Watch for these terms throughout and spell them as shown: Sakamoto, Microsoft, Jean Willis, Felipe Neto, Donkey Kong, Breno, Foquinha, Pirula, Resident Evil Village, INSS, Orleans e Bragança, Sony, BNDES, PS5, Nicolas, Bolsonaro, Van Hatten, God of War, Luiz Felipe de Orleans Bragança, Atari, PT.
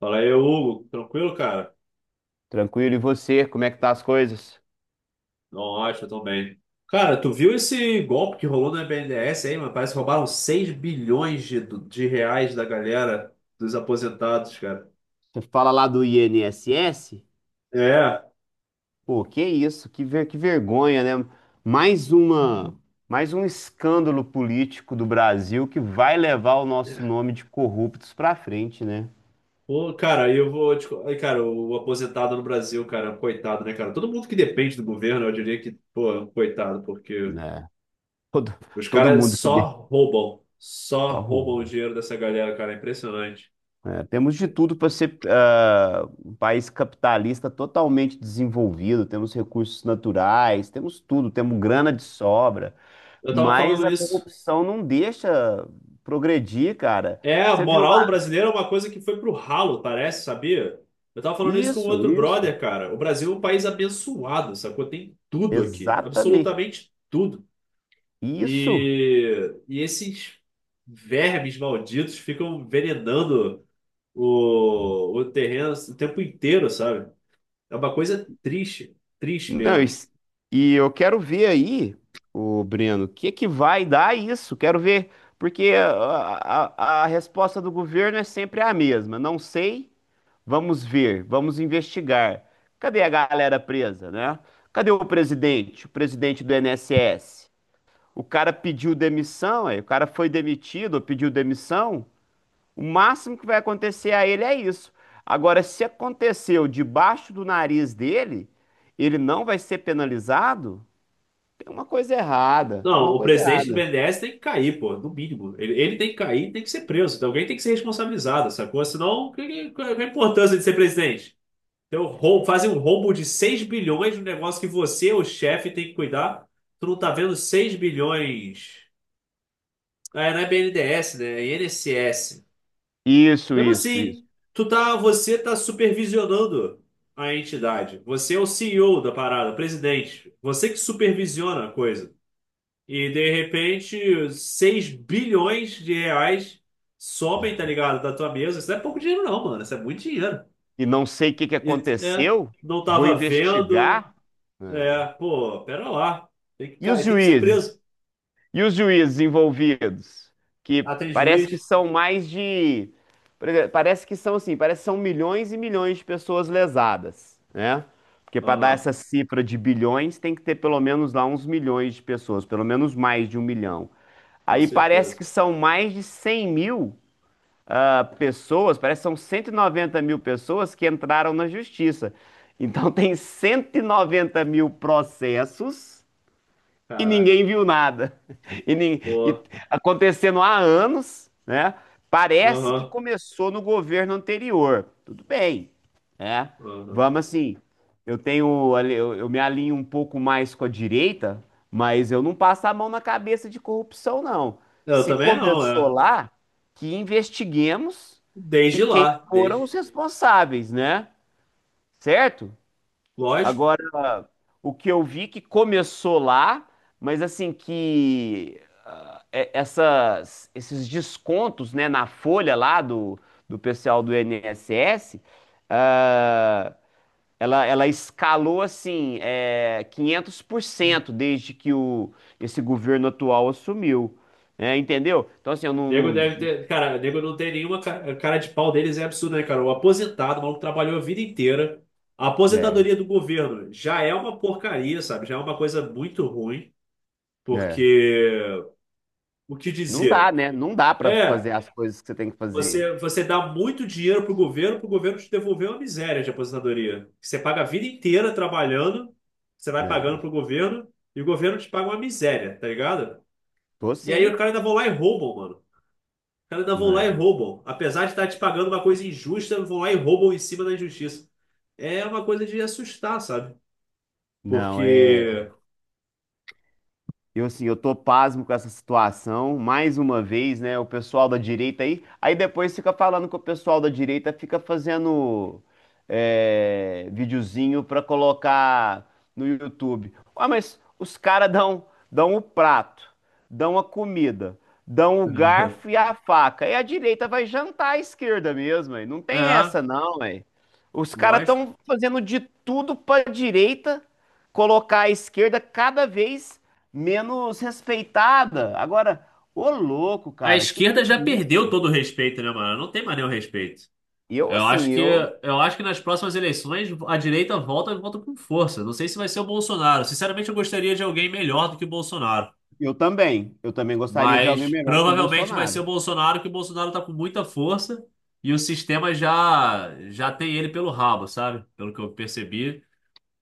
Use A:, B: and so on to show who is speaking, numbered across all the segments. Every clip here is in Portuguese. A: Fala aí, Hugo. Tranquilo, cara?
B: Tranquilo, e você? Como é que tá as coisas?
A: Nossa, eu tô bem. Cara, tu viu esse golpe que rolou no BNDES aí, mano? Parece que roubaram 6 bilhões de reais da galera dos aposentados, cara.
B: Você fala lá do INSS?
A: É.
B: Pô, que isso? Que vergonha, né? Mais uma, mais um escândalo político do Brasil que vai levar o nosso nome de corruptos pra frente, né?
A: Pô, cara, eu vou te... Cara, o aposentado no Brasil, cara, coitado, né, cara? Todo mundo que depende do governo, eu diria que, pô, é um coitado, porque
B: Né? Todo,
A: os
B: todo
A: caras
B: mundo que
A: só roubam.
B: só
A: Só roubam o
B: rouba.
A: dinheiro dessa galera, cara. É impressionante.
B: É, temos de tudo para ser um país capitalista totalmente desenvolvido, temos recursos naturais, temos tudo, temos grana de sobra.
A: Eu tava
B: Mas
A: falando
B: a
A: isso.
B: corrupção não deixa progredir, cara.
A: É, a
B: Você viu lá?
A: moral do brasileiro é uma coisa que foi pro ralo, parece, sabia? Eu tava falando isso com
B: Isso,
A: outro
B: isso.
A: brother, cara. O Brasil é um país abençoado, sacou? Tem tudo aqui,
B: Exatamente.
A: absolutamente tudo.
B: Isso.
A: E, e esses vermes malditos ficam envenenando o terreno o tempo inteiro, sabe? É uma coisa triste, triste
B: Não,
A: mesmo.
B: e eu quero ver aí, o Breno, o que que vai dar isso? Quero ver, porque a resposta do governo é sempre a mesma. Não sei, vamos ver, vamos investigar. Cadê a galera presa, né? Cadê o presidente do INSS? O cara pediu demissão, aí o cara foi demitido, ou pediu demissão. O máximo que vai acontecer a ele é isso. Agora, se aconteceu debaixo do nariz dele, ele não vai ser penalizado? Tem uma coisa errada, tem
A: Não,
B: uma
A: o
B: coisa
A: presidente do
B: errada.
A: BNDES tem que cair, pô, no mínimo. Ele tem que cair, tem que ser preso. Então, alguém tem que ser responsabilizado, sacou? Senão, qual é a importância de ser presidente? Então, fazem um roubo de seis bilhões de um negócio que você, o chefe, tem que cuidar. Tu não tá vendo 6 bilhões. É, não é BNDES, né? É INSS.
B: Isso,
A: Mesmo
B: isso, isso.
A: assim, você tá supervisionando a entidade. Você é o CEO da parada, o presidente. Você que supervisiona a coisa. E de repente, 6 bilhões de reais sobem, tá ligado? Da tua mesa. Isso não é pouco dinheiro, não, mano. Isso é muito dinheiro.
B: E não sei o que que
A: E é,
B: aconteceu,
A: não
B: vou
A: tava vendo.
B: investigar. É.
A: É, pô, pera lá.
B: E os
A: Tem que ser
B: juízes?
A: preso.
B: E os juízes envolvidos, que
A: Ah, tem
B: parece que
A: juiz?
B: são mais de, por exemplo, parece que são assim, parece que são milhões e milhões de pessoas lesadas, né? Porque para dar
A: Aham,
B: essa cifra de bilhões tem que ter pelo menos lá uns milhões de pessoas, pelo menos mais de um milhão.
A: com
B: Aí parece que
A: certeza.
B: são mais de 100 mil pessoas, parece que são 190 mil pessoas que entraram na justiça. Então tem 190 mil processos e
A: Caraca.
B: ninguém viu nada. E
A: Pô,
B: acontecendo há anos, né? Parece que
A: aham,
B: começou no governo anterior. Tudo bem, né?
A: aham.
B: Vamos assim. Eu me alinho um pouco mais com a direita, mas eu não passo a mão na cabeça de corrupção, não.
A: Eu
B: Se
A: também não,
B: começou
A: é.
B: lá, que investiguemos e
A: Desde
B: quem
A: lá,
B: foram os
A: desde.
B: responsáveis, né? Certo?
A: Lógico.
B: Agora, o que eu vi que começou lá, mas assim que esses descontos, né, na folha lá do pessoal do INSS, ah, ela escalou assim, é, 500% desde que o, esse governo atual assumiu, né, entendeu? Então assim, eu não,
A: Nego deve
B: não,
A: ter. Cara, nego não tem nenhuma cara, cara de pau deles, é absurdo, né, cara? O aposentado, o maluco trabalhou a vida inteira. A
B: né,
A: aposentadoria do governo já é uma porcaria, sabe? Já é uma coisa muito ruim,
B: né,
A: porque o que dizer?
B: né? Não dá pra
A: É,
B: fazer as coisas que você tem que fazer.
A: você dá muito dinheiro pro governo te devolver uma miséria de aposentadoria. Você paga a vida inteira trabalhando, você vai pagando
B: Né,
A: pro governo, e o governo te paga uma miséria, tá ligado?
B: tô
A: E aí os
B: sim.
A: caras ainda vão lá e roubam, mano. Cara, ainda vão lá e
B: Né.
A: roubam. Apesar de estar te pagando uma coisa injusta, vão lá e roubam em cima da injustiça. É uma coisa de assustar, sabe?
B: Não, é.
A: Porque.
B: Eu, assim, eu tô pasmo com essa situação, mais uma vez, né? O pessoal da direita aí. Aí depois fica falando que o pessoal da direita fica fazendo videozinho pra colocar no YouTube. Ah, mas os caras dão, dão o prato, dão a comida, dão o garfo e a faca. E a direita vai jantar à esquerda mesmo, aí. Não tem
A: É,
B: essa, não, aí. Os caras
A: lógico.
B: estão fazendo de tudo pra direita colocar a esquerda cada vez menos respeitada. Agora, ô louco,
A: A
B: cara, que
A: esquerda já
B: é isso?
A: perdeu todo o respeito, né, mano? Não tem mais nenhum respeito.
B: Eu,
A: Eu
B: assim,
A: acho que,
B: eu.
A: eu acho que nas próximas eleições a direita volta e volta com força. Não sei se vai ser o Bolsonaro. Sinceramente, eu gostaria de alguém melhor do que o Bolsonaro.
B: Eu também. Eu também gostaria de alguém
A: Mas
B: melhor que o
A: provavelmente vai ser
B: Bolsonaro.
A: o Bolsonaro, que o Bolsonaro tá com muita força e o sistema já tem ele pelo rabo, sabe? Pelo que eu percebi,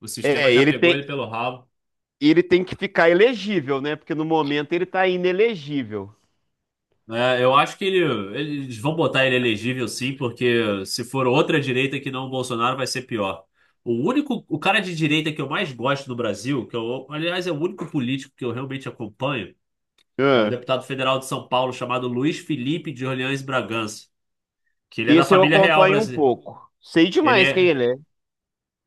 A: o sistema
B: É,
A: já
B: ele
A: pegou
B: tem,
A: ele pelo rabo.
B: ele tem que ficar elegível, né? Porque no momento ele tá inelegível.
A: É, eu acho que ele, eles vão botar ele elegível sim, porque se for outra direita que não o Bolsonaro, vai ser pior. O cara de direita que eu mais gosto no Brasil, que eu, aliás, é o único político que eu realmente acompanho, é o
B: Ah,
A: deputado federal de São Paulo chamado Luiz Felipe de Orleans Bragança, que ele é da
B: esse eu
A: família real
B: acompanho um
A: brasileira.
B: pouco. Sei
A: Ele
B: demais quem
A: é.
B: ele é.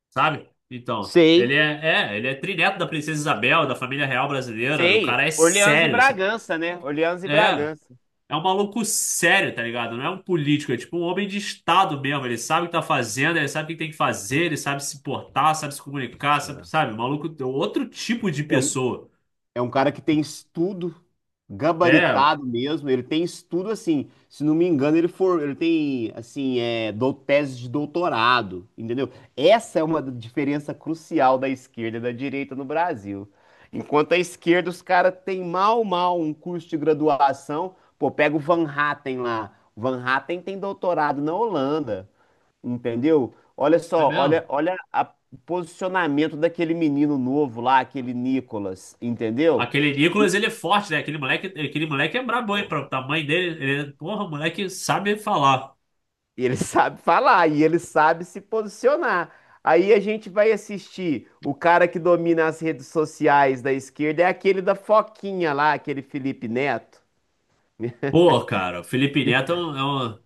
A: Sabe? Então,
B: Sei,
A: ele é trineto da princesa Isabel, da família real brasileira, e o
B: sei.
A: cara é
B: Orleans e
A: sério, sabe?
B: Bragança, né? Orleans e
A: É,
B: Bragança.
A: é um maluco sério, tá ligado? Não é um político, é tipo um homem de Estado mesmo, ele sabe o que tá fazendo, ele sabe o que tem que fazer, ele sabe se portar, sabe se comunicar, sabe? O Maluco é outro tipo de
B: É um
A: pessoa.
B: É um cara que tem estudo,
A: É,
B: gabaritado mesmo, ele tem estudo assim, se não me engano, ele tem assim, tese de doutorado, entendeu? Essa é uma diferença crucial da esquerda e da direita no Brasil. Enquanto a esquerda, os caras têm mal, mal um curso de graduação. Pô, pega o Van Hatten lá. O Van Hatten tem doutorado na Holanda, entendeu? Olha
A: é
B: só, olha,
A: mesmo.
B: olha o posicionamento daquele menino novo lá, aquele Nicolas, entendeu?
A: Aquele Nicolas, ele é forte, né? Aquele moleque é brabo, hein?
B: Pô,
A: Pra tamanho dele, porra, o moleque sabe falar.
B: e ele sabe falar, e ele sabe se posicionar. Aí a gente vai assistir. O cara que domina as redes sociais da esquerda é aquele da Foquinha lá, aquele Felipe Neto.
A: Pô, cara, o Felipe Neto é um, é um,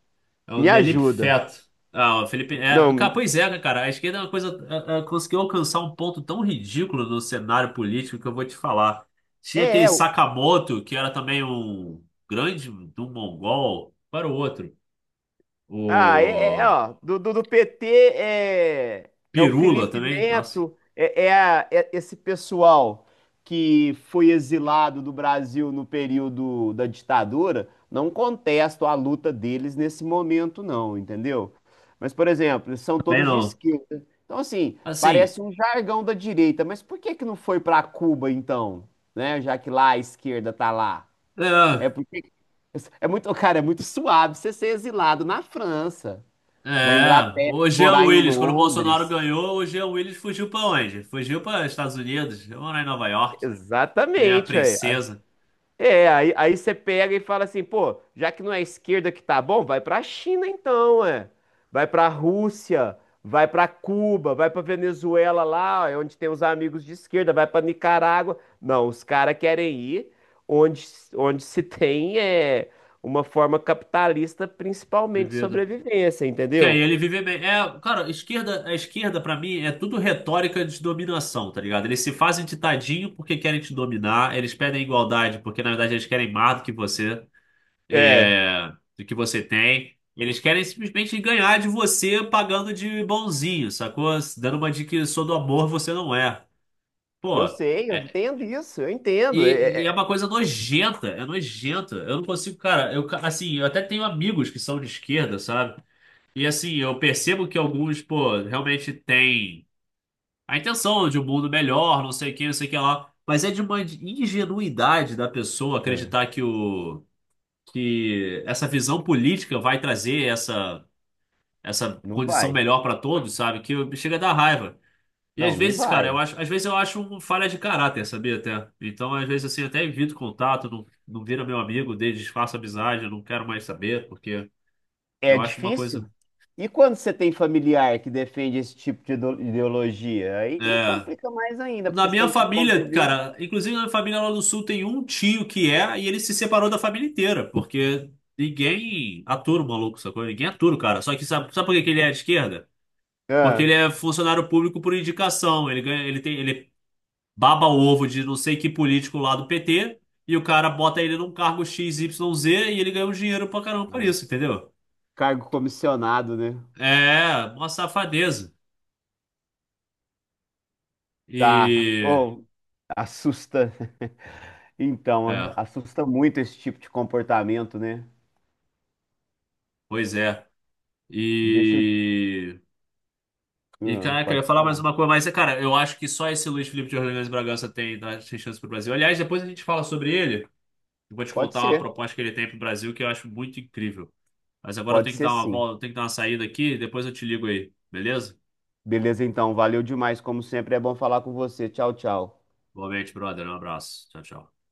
A: é um
B: Me ajuda.
A: Nelipfeto. Ah, o Felipe. É,
B: Não,
A: cara, pois é, né, cara. A esquerda é uma coisa. Conseguiu alcançar um ponto tão ridículo no cenário político que eu vou te falar. Tinha
B: é,
A: aquele
B: é,
A: Sakamoto, que era também um grande do mongol. Para o outro.
B: ah,
A: O
B: ó, do PT é o
A: Pirula
B: Felipe
A: também. Nossa,
B: Neto, é esse pessoal que foi exilado do Brasil no período da ditadura, não contesto a luta deles nesse momento, não, entendeu? Mas, por exemplo, eles são
A: também
B: todos de
A: não.
B: esquerda. Então, assim,
A: Assim.
B: parece um jargão da direita, mas por que que não foi para Cuba, então? Né? Já que lá a esquerda tá lá. É
A: É,
B: porque é muito, cara, é muito suave você ser exilado na França na Inglaterra,
A: o Jean
B: morar em
A: Willis, quando o Bolsonaro
B: Londres.
A: ganhou, o Jean Willis fugiu para onde? Fugiu para Estados Unidos, ou em Nova York. Que nem a
B: Exatamente, aí.
A: princesa.
B: É, aí você pega e fala assim, pô, já que não é a esquerda que tá bom, vai pra China então, é. Vai pra Rússia, vai pra Cuba, vai pra Venezuela lá, ó, é onde tem os amigos de esquerda, vai pra Nicarágua. Não, os caras querem ir onde, onde se tem uma forma capitalista, principalmente de
A: De
B: sobrevivência,
A: Que aí
B: entendeu?
A: ele vive bem. É, cara, a esquerda para mim é tudo retórica de dominação, tá ligado? Eles se fazem de tadinho porque querem te dominar, eles pedem igualdade porque na verdade eles querem mais do que você.
B: É.
A: é, do que você tem. Eles querem simplesmente ganhar de você pagando de bonzinho, sacou? Dando uma de que sou do amor, você não é. Pô,
B: Eu sei, eu
A: é-
B: entendo isso, eu entendo. É,
A: e é uma
B: é-.
A: coisa nojenta, é nojenta. Eu não consigo, cara, assim, eu até tenho amigos que são de esquerda, sabe? E assim, eu percebo que alguns, pô, realmente têm a intenção de um mundo melhor, não sei o que, não sei o que lá. Mas é de uma ingenuidade da pessoa
B: É.
A: acreditar que essa visão política vai trazer essa
B: Não
A: condição
B: vai.
A: melhor para todos, sabe? Que eu- chega a dar raiva. E às
B: Não, não
A: vezes, cara,
B: vai.
A: às vezes eu acho uma falha de caráter, sabia até? Então, às vezes, assim, eu até evito contato, não vira meu amigo, desfaço a amizade, eu não quero mais saber, porque
B: É
A: eu acho uma
B: difícil.
A: coisa.
B: E quando você tem familiar que defende esse tipo de ideologia? Aí
A: É...
B: complica mais ainda,
A: Na
B: porque você
A: minha
B: tem que
A: família,
B: conviver.
A: cara, inclusive na minha família lá do sul tem um tio que é, e ele se separou da família inteira, porque ninguém atura o maluco, sacou? Ninguém atura o cara. Só que sabe por que que ele é de esquerda? Porque ele
B: Ah,
A: é funcionário público por indicação. Ele ganha, ele tem, ele baba o ovo de não sei que político lá do PT e o cara bota ele num cargo X, Y, Z e ele ganha um dinheiro pra caramba por isso, entendeu?
B: cargo comissionado, né?
A: É, uma safadeza.
B: Tá.
A: E.
B: Ou assusta. Então,
A: É,
B: assusta muito esse tipo de comportamento, né?
A: pois é.
B: Deixa eu.
A: E. E,
B: Ah,
A: caraca, eu ia
B: pode
A: falar mais
B: falar.
A: uma coisa, mas, cara, eu acho que só esse Luiz Felipe de Orleans Bragança tem, tem chance pro Brasil. Aliás, depois a gente fala sobre ele. Eu vou te
B: Pode
A: contar uma
B: ser.
A: proposta que ele tem pro Brasil que eu acho muito incrível. Mas agora eu
B: Pode
A: tenho que
B: ser
A: dar uma
B: sim.
A: volta, eu tenho que dar uma saída aqui, depois eu te ligo aí, beleza?
B: Beleza, então. Valeu demais, como sempre. É bom falar com você. Tchau, tchau.
A: Boa noite, brother. Um abraço. Tchau, tchau.